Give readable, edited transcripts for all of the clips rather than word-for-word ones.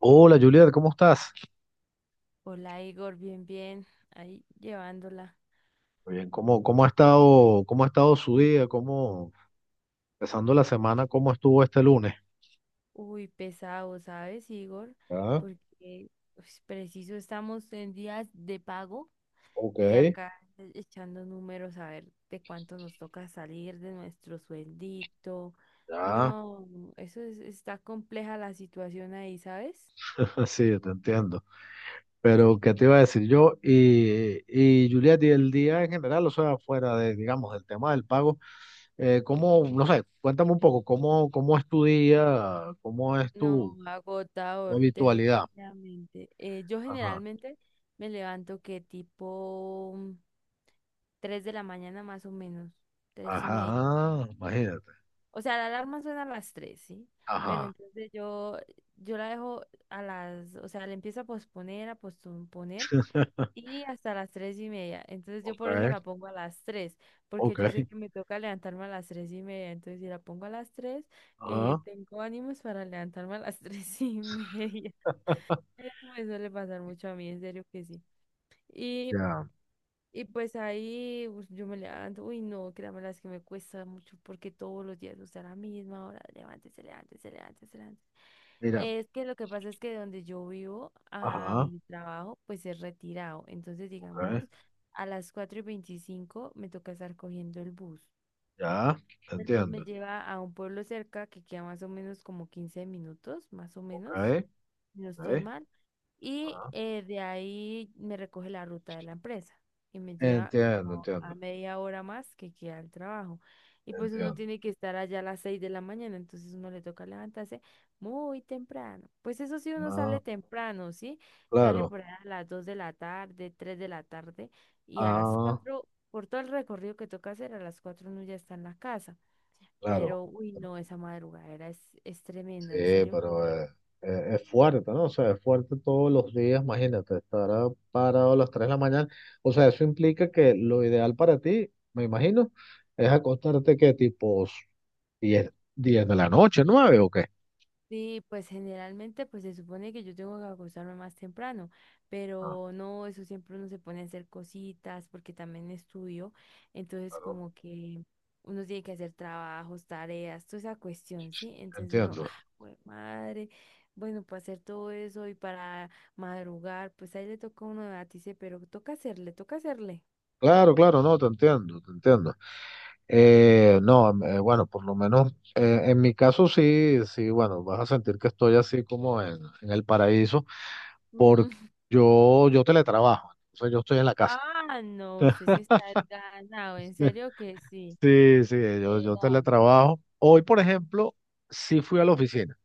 Hola Juliet, ¿cómo estás? Hola Igor, bien, bien, ahí llevándola. Muy bien. ¿Cómo ha estado, cómo ha estado su día? ¿Cómo, empezando la semana, cómo estuvo este lunes? Uy, pesado, ¿sabes, Igor? Ah, Porque pues, preciso estamos en días de pago ok, y acá echando números a ver de cuánto nos toca salir de nuestro sueldito. ya. No, está compleja la situación ahí, ¿sabes? Sí, te entiendo. Pero ¿qué te iba a decir yo? Y Juliet, y el día en general, o sea, fuera de, digamos, del tema del pago, ¿cómo, no sé? Cuéntame un poco. ¿Cómo, cómo es tu día? ¿Cómo es No, tu, tu agotador, habitualidad? definitivamente. Yo Ajá, generalmente me levanto que tipo 3 de la mañana, más o menos, 3:30. ajá, imagínate, O sea, la alarma suena a las 3, ¿sí? Pero ajá, entonces yo la dejo a las, o sea, la empiezo a posponer y hasta las 3:30. Entonces yo ok, por eso la pongo a las 3, porque ok, yo sé que me toca levantarme a las 3:30. Entonces si la pongo a las 3, ajá. tengo ánimos para levantarme a las 3:30. Eso me suele pasar mucho a mí, en serio que sí. Y Ya, y pues ahí pues, yo me levanto, uy no, créanme las que me cuesta mucho, porque todos los días, o sea, a la misma hora, levántese, levántese, levántese, levántese. mira, Es que lo que pasa es que de donde yo vivo a ajá, donde trabajo, pues es retirado. Entonces, ok, digamos, a las 4:25 me toca estar cogiendo el bus. ya, El bus me entiendo, lleva a un pueblo cerca que queda más o menos como 15 minutos, más o menos, ok, si no estoy ok, mal. Y ajá, de ahí me recoge la ruta de la empresa y me lleva entiendo, como a entiendo, media hora más, que queda el trabajo. Y pues uno entiendo, tiene que estar allá a las 6 de la mañana, entonces uno le toca levantarse muy temprano. Pues eso sí, uno ah, sale temprano, ¿sí? Sale claro, por ahí a las 2 de la tarde, 3 de la tarde, y a las ah, 4, por todo el recorrido que toca hacer, a las 4 uno ya está en la casa. claro, Pero, uy, pero- no, esa madrugadera es tremenda, en sí, serio que pero es fuerte, ¿no? O sea, es fuerte todos los días. Imagínate, estar ah, parado a las 3 de la mañana, o sea, eso implica que lo ideal para ti, me imagino, es acostarte que tipo 10, 10 de la noche, 9 o qué, sí. Pues generalmente, pues, se supone que yo tengo que acostarme más temprano, ah, pero no, eso siempre uno se pone a hacer cositas porque también estudio, entonces claro, como que uno tiene que hacer trabajos, tareas, toda esa cuestión, ¿sí? Entonces uno, entiendo, ah, jue madre, bueno, para hacer todo eso y para madrugar, pues ahí le toca a uno debatirse, pero toca hacerle, toca hacerle. claro, claro, no, te entiendo, te entiendo. No, em, Bueno, por lo menos en mi caso sí, sí, bueno, vas a sentir que estoy así como en el paraíso, porque yo teletrabajo, entonces yo estoy en la casa. Ah, no, usted sí está ganado, en serio que sí. Sí, sí, yo Eran. teletrabajo. Hoy, por ejemplo, sí fui a la oficina.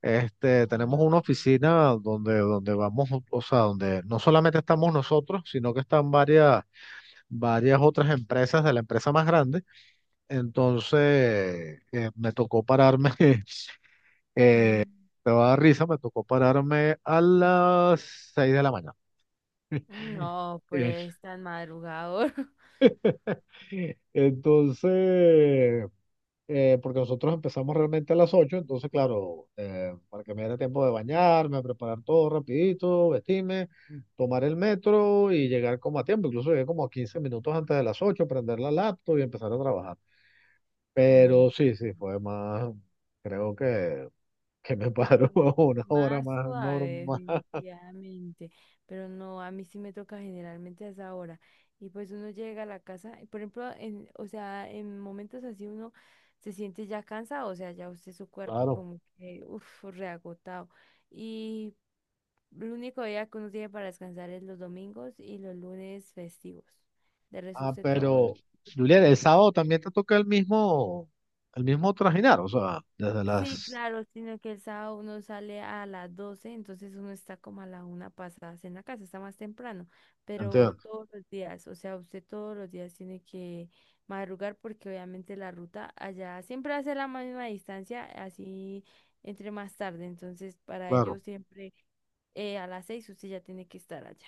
Este, tenemos Ah, una ok. oficina donde, donde vamos, o sea, donde no solamente estamos nosotros, sino que están varias otras empresas de la empresa más grande. Entonces, me tocó pararme. Mm. Eh, Te va a dar risa, me tocó pararme a las 6 de la mañana. No, Eh, pues tan madrugador. Entonces, porque nosotros empezamos realmente a las ocho, entonces, claro, para que me diera tiempo de bañarme, preparar todo rapidito, vestirme, tomar el metro y llegar como a tiempo. Incluso llegué como a 15 minutos antes de las 8, prender la laptop y empezar a trabajar. Uy, no. Pero sí, sí, fue más, creo que me paró una hora Más más suave, normal, definitivamente. Pero no, a mí sí me toca generalmente a esa hora. Y pues uno llega a la casa, y por ejemplo, en, o sea, en momentos así uno se siente ya cansado, o sea, ya usted su cuerpo claro. como que, uff, reagotado. Y el único día que uno tiene para descansar es los domingos y los lunes festivos. De resto, Ah, usted todo pero, lo... Julián, el todo. sábado también te toca el mismo trajinar, o sea, desde Sí, las... claro, sino que el sábado uno sale a las 12, entonces uno está como a la una pasadas en la casa, está más temprano, pero Entiendo, todos los días, o sea, usted todos los días tiene que madrugar, porque obviamente la ruta allá siempre hace la misma distancia, así entre más tarde, entonces para claro, ellos siempre a las 6 usted ya tiene que estar allá.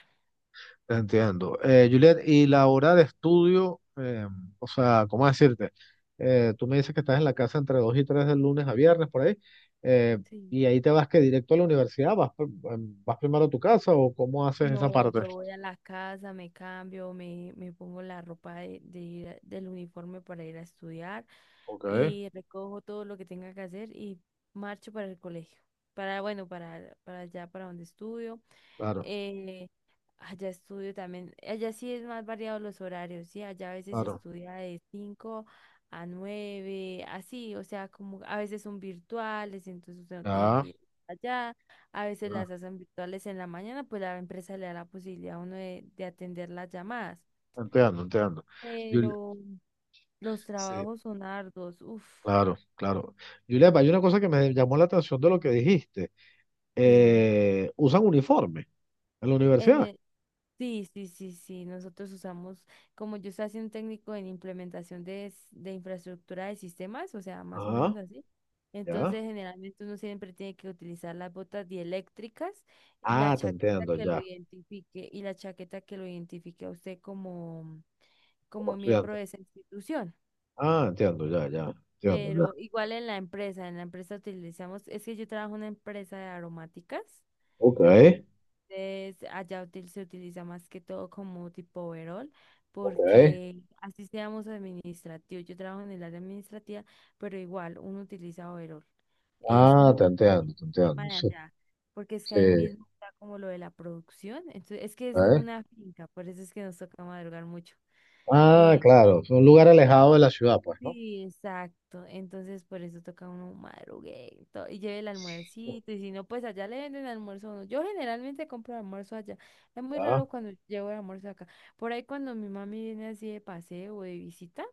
te entiendo. Julián, y la hora de estudio, o sea, ¿cómo decirte? Tú me dices que estás en la casa entre 2 y 3 del lunes a viernes, por ahí, eh, Sí. y ahí te vas que directo a la universidad, vas, vas primero a tu casa o cómo haces esa No, parte. yo voy a la casa, me cambio, me pongo la ropa de ir del uniforme, para ir a estudiar, Ok, y recojo todo lo que tenga que hacer y marcho para el colegio. Bueno, para allá, para donde estudio. claro, Eh, allá estudio también. Allá sí es más variado los horarios, ¿sí? Allá a veces se claro, estudia de 5 a 9 así, o sea, como a veces son virtuales, entonces usted no tiene ya, que ir allá. A veces ya, las hacen virtuales en la mañana, pues la empresa le da la posibilidad a uno de atender las llamadas. entiendo, entiendo. Juli- Pero los Sí. trabajos son arduos, uff. Claro, claro. Julián, hay una cosa que me llamó la atención de lo que dijiste. Dime. Usan uniforme en la En universidad. el, sí, sí, sí, sí. Nosotros usamos, como yo estoy haciendo técnico en implementación de infraestructura de sistemas, o sea, más o Ah, menos así. ya. Entonces, generalmente uno siempre tiene que utilizar las botas dieléctricas, la Ah, te chaqueta entiendo, que lo ya. identifique y la chaqueta que lo identifique a usted como, Como como miembro estudiante. de esa institución. Ah, entiendo, ya, ya. Entiendo, Pero ya. igual en la empresa utilizamos, es que yo trabajo en una empresa de aromáticas. Ok, Allá se utiliza más que todo como tipo overall, ok. porque así seamos administrativos. Yo trabajo en el área administrativa, pero igual uno utiliza overall. Es Ah, como te entiendo, te un tema entiendo. de Sí, allá, porque es que sí. ahí mismo está como lo de la producción. Entonces, es que es en Ok. una finca, por eso es que nos toca madrugar mucho. Ah, Eh, claro. Es un lugar alejado de la ciudad, pues, ¿no? Sí, exacto. Entonces, por eso toca uno madruguito y lleve el almuercito. Y si no, pues allá le venden almuerzo a uno. Yo generalmente compro almuerzo allá. Es muy Ya. raro cuando llevo el almuerzo acá. Por ahí, cuando mi mami viene así de paseo o de visita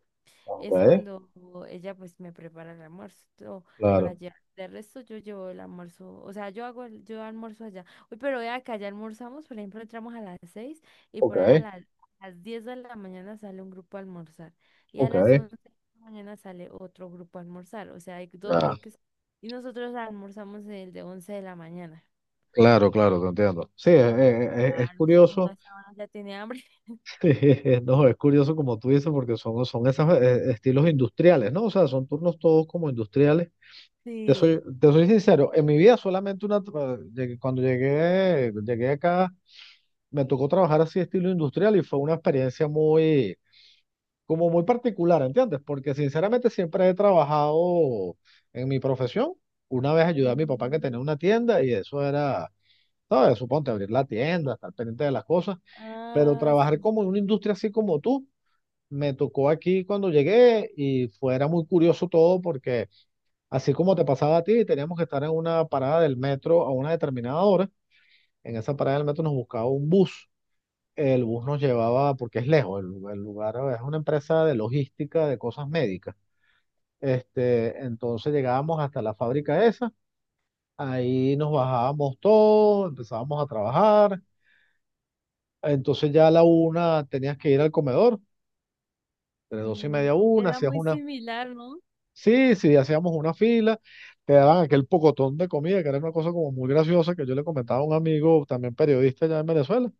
Ok, es cuando ella, pues, me prepara el almuerzo para claro. llevar. De resto yo llevo el almuerzo, o sea, yo hago yo almuerzo allá. Uy, pero vea que allá almorzamos, por ejemplo, entramos a las 6 y Ok, por ahí a las 10 de la mañana sale un grupo a almorzar, y a ok. las 11 de la mañana sale otro grupo a almorzar, o sea, hay dos Ya. bloques y nosotros almorzamos el de 11 de la mañana. Claro, claro, te entiendo. Sí, es Claro, es que uno curioso. a esa hora ya tiene hambre. No, es curioso como tú dices, porque son, son esos estilos industriales, ¿no? O sea, son turnos todos como industriales. Te Sí. soy, te soy sincero, en mi vida solamente una, cuando llegué, llegué acá, me tocó trabajar así estilo industrial y fue una experiencia muy, como muy particular, ¿entiendes? Porque sinceramente siempre he trabajado en mi profesión. Una vez ayudé a mi papá que tenía Mm, una tienda y eso era, ¿sabes? Suponte abrir la tienda, estar pendiente de las cosas, pero ah, trabajar sí. como en una industria así como tú me tocó aquí cuando llegué y fuera muy curioso todo porque así como te pasaba a ti, teníamos que estar en una parada del metro a una determinada hora. En esa parada del metro nos buscaba un bus. El bus nos llevaba, porque es lejos, el lugar es una empresa de logística de cosas médicas. Este, entonces llegábamos hasta la fábrica esa, ahí nos bajábamos todos, empezábamos a trabajar. Entonces ya a la una tenías que ir al comedor, de dos y Mm, media a una, era hacías muy unas. similar, ¿no? Sí, sí, hacíamos una fila, te daban aquel pocotón de comida, que era una cosa como muy graciosa que yo le comentaba a un amigo, también periodista allá en Venezuela.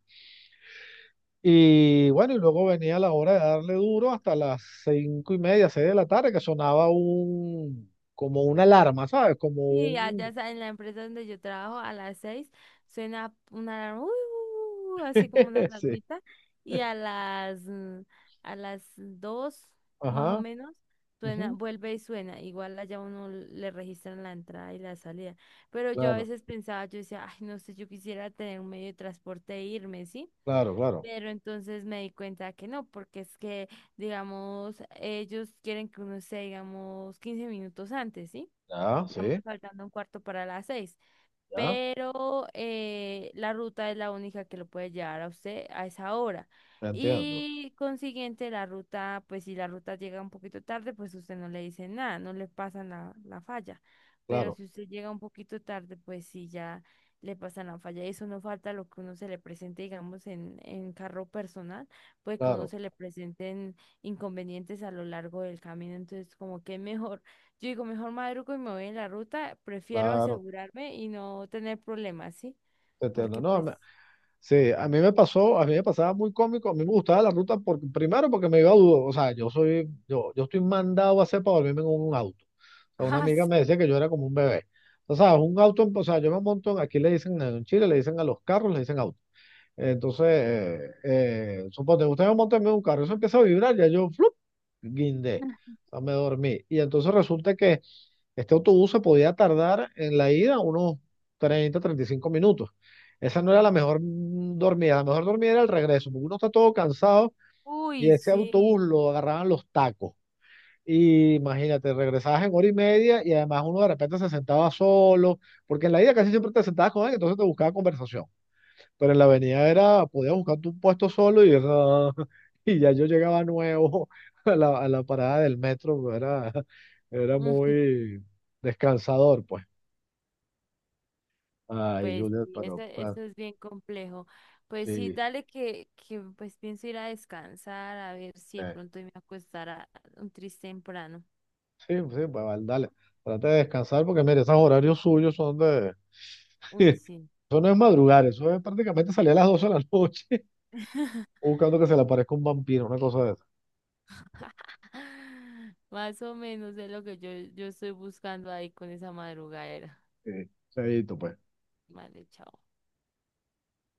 Y bueno, y luego venía la hora de darle duro hasta las cinco y media, seis de la tarde, que sonaba un, como una alarma, ¿sabes? Como Sí, un... allá en la empresa donde yo trabajo a las 6 suena una alarma, uy, uy, uy, así como una Sí, alarmita, y a las 2, más o ajá, menos, suena, ujú, vuelve y suena. Igual allá uno le registran la entrada y la salida. Pero yo a claro, veces pensaba, yo decía, ay, no sé, yo quisiera tener un medio de transporte e irme, ¿sí? claro, claro. Pero entonces me di cuenta que no, porque es que, digamos, ellos quieren que uno esté, digamos, 15 minutos antes, ¿sí? Ya, Digamos, sí, faltando un cuarto para las 6. ya, Pero la ruta es la única que lo puede llevar a usted a esa hora. me entiendo. Y consiguiente, la ruta, pues si la ruta llega un poquito tarde, pues usted no le dice nada, no le pasan la falla. Pero Claro, si usted llega un poquito tarde, pues sí ya le pasan la falla. Eso no falta lo que uno se le presente, digamos, en carro personal, pues que uno claro, se le presenten inconvenientes a lo largo del camino. Entonces, como que es mejor, yo digo, mejor madrugo y me voy en la ruta, prefiero claro, asegurarme y no tener problemas, ¿sí? te entiendo. Porque No, pues, a sí, a mí me pasó, a mí me pasaba muy cómico, a mí me gustaba la ruta porque, primero porque me iba a dudo, o sea, yo estoy mandado a hacer para dormirme en un auto. O sea, una ah, amiga me sí. decía que yo era como un bebé. O sea, un auto, o sea, yo me monto, aquí le dicen, en Chile le dicen a los carros, le dicen auto. Entonces, suponte, usted me monta en un carro, eso empieza a vibrar, ya yo, flup, guindé, o sea, me dormí. Y entonces resulta que este autobús se podía tardar en la ida unos 30, 35 minutos. Esa no era la Ah. mejor dormida, la mejor dormida era el regreso, porque uno está todo cansado y Uy, ese autobús sí. lo agarraban los tacos. Y imagínate, regresabas en hora y media y además uno de repente se sentaba solo, porque en la ida casi siempre te sentabas con alguien, entonces te buscaba conversación. Pero en la avenida era, podías buscarte un puesto solo y, ah, y ya yo llegaba nuevo a la parada del metro, era, era Ujú, muy descansador, pues. Ay, pues Juliet, sí, eso, pero eso es bien complejo. Pues sí, sí, dale que pues pienso ir a descansar, a ver si de eh, pronto me acostará un triste temprano. sí, sí, pues vale, dale. Trata de descansar porque, mire, esos horarios suyos son de... Uy, sí. Eso no es madrugar, eso es prácticamente salir a las 12 de la noche buscando que se le aparezca un vampiro, una cosa de esa. Más o menos es lo que yo estoy buscando ahí con esa madrugadera. Sí, chaito, pues. Vale, chao.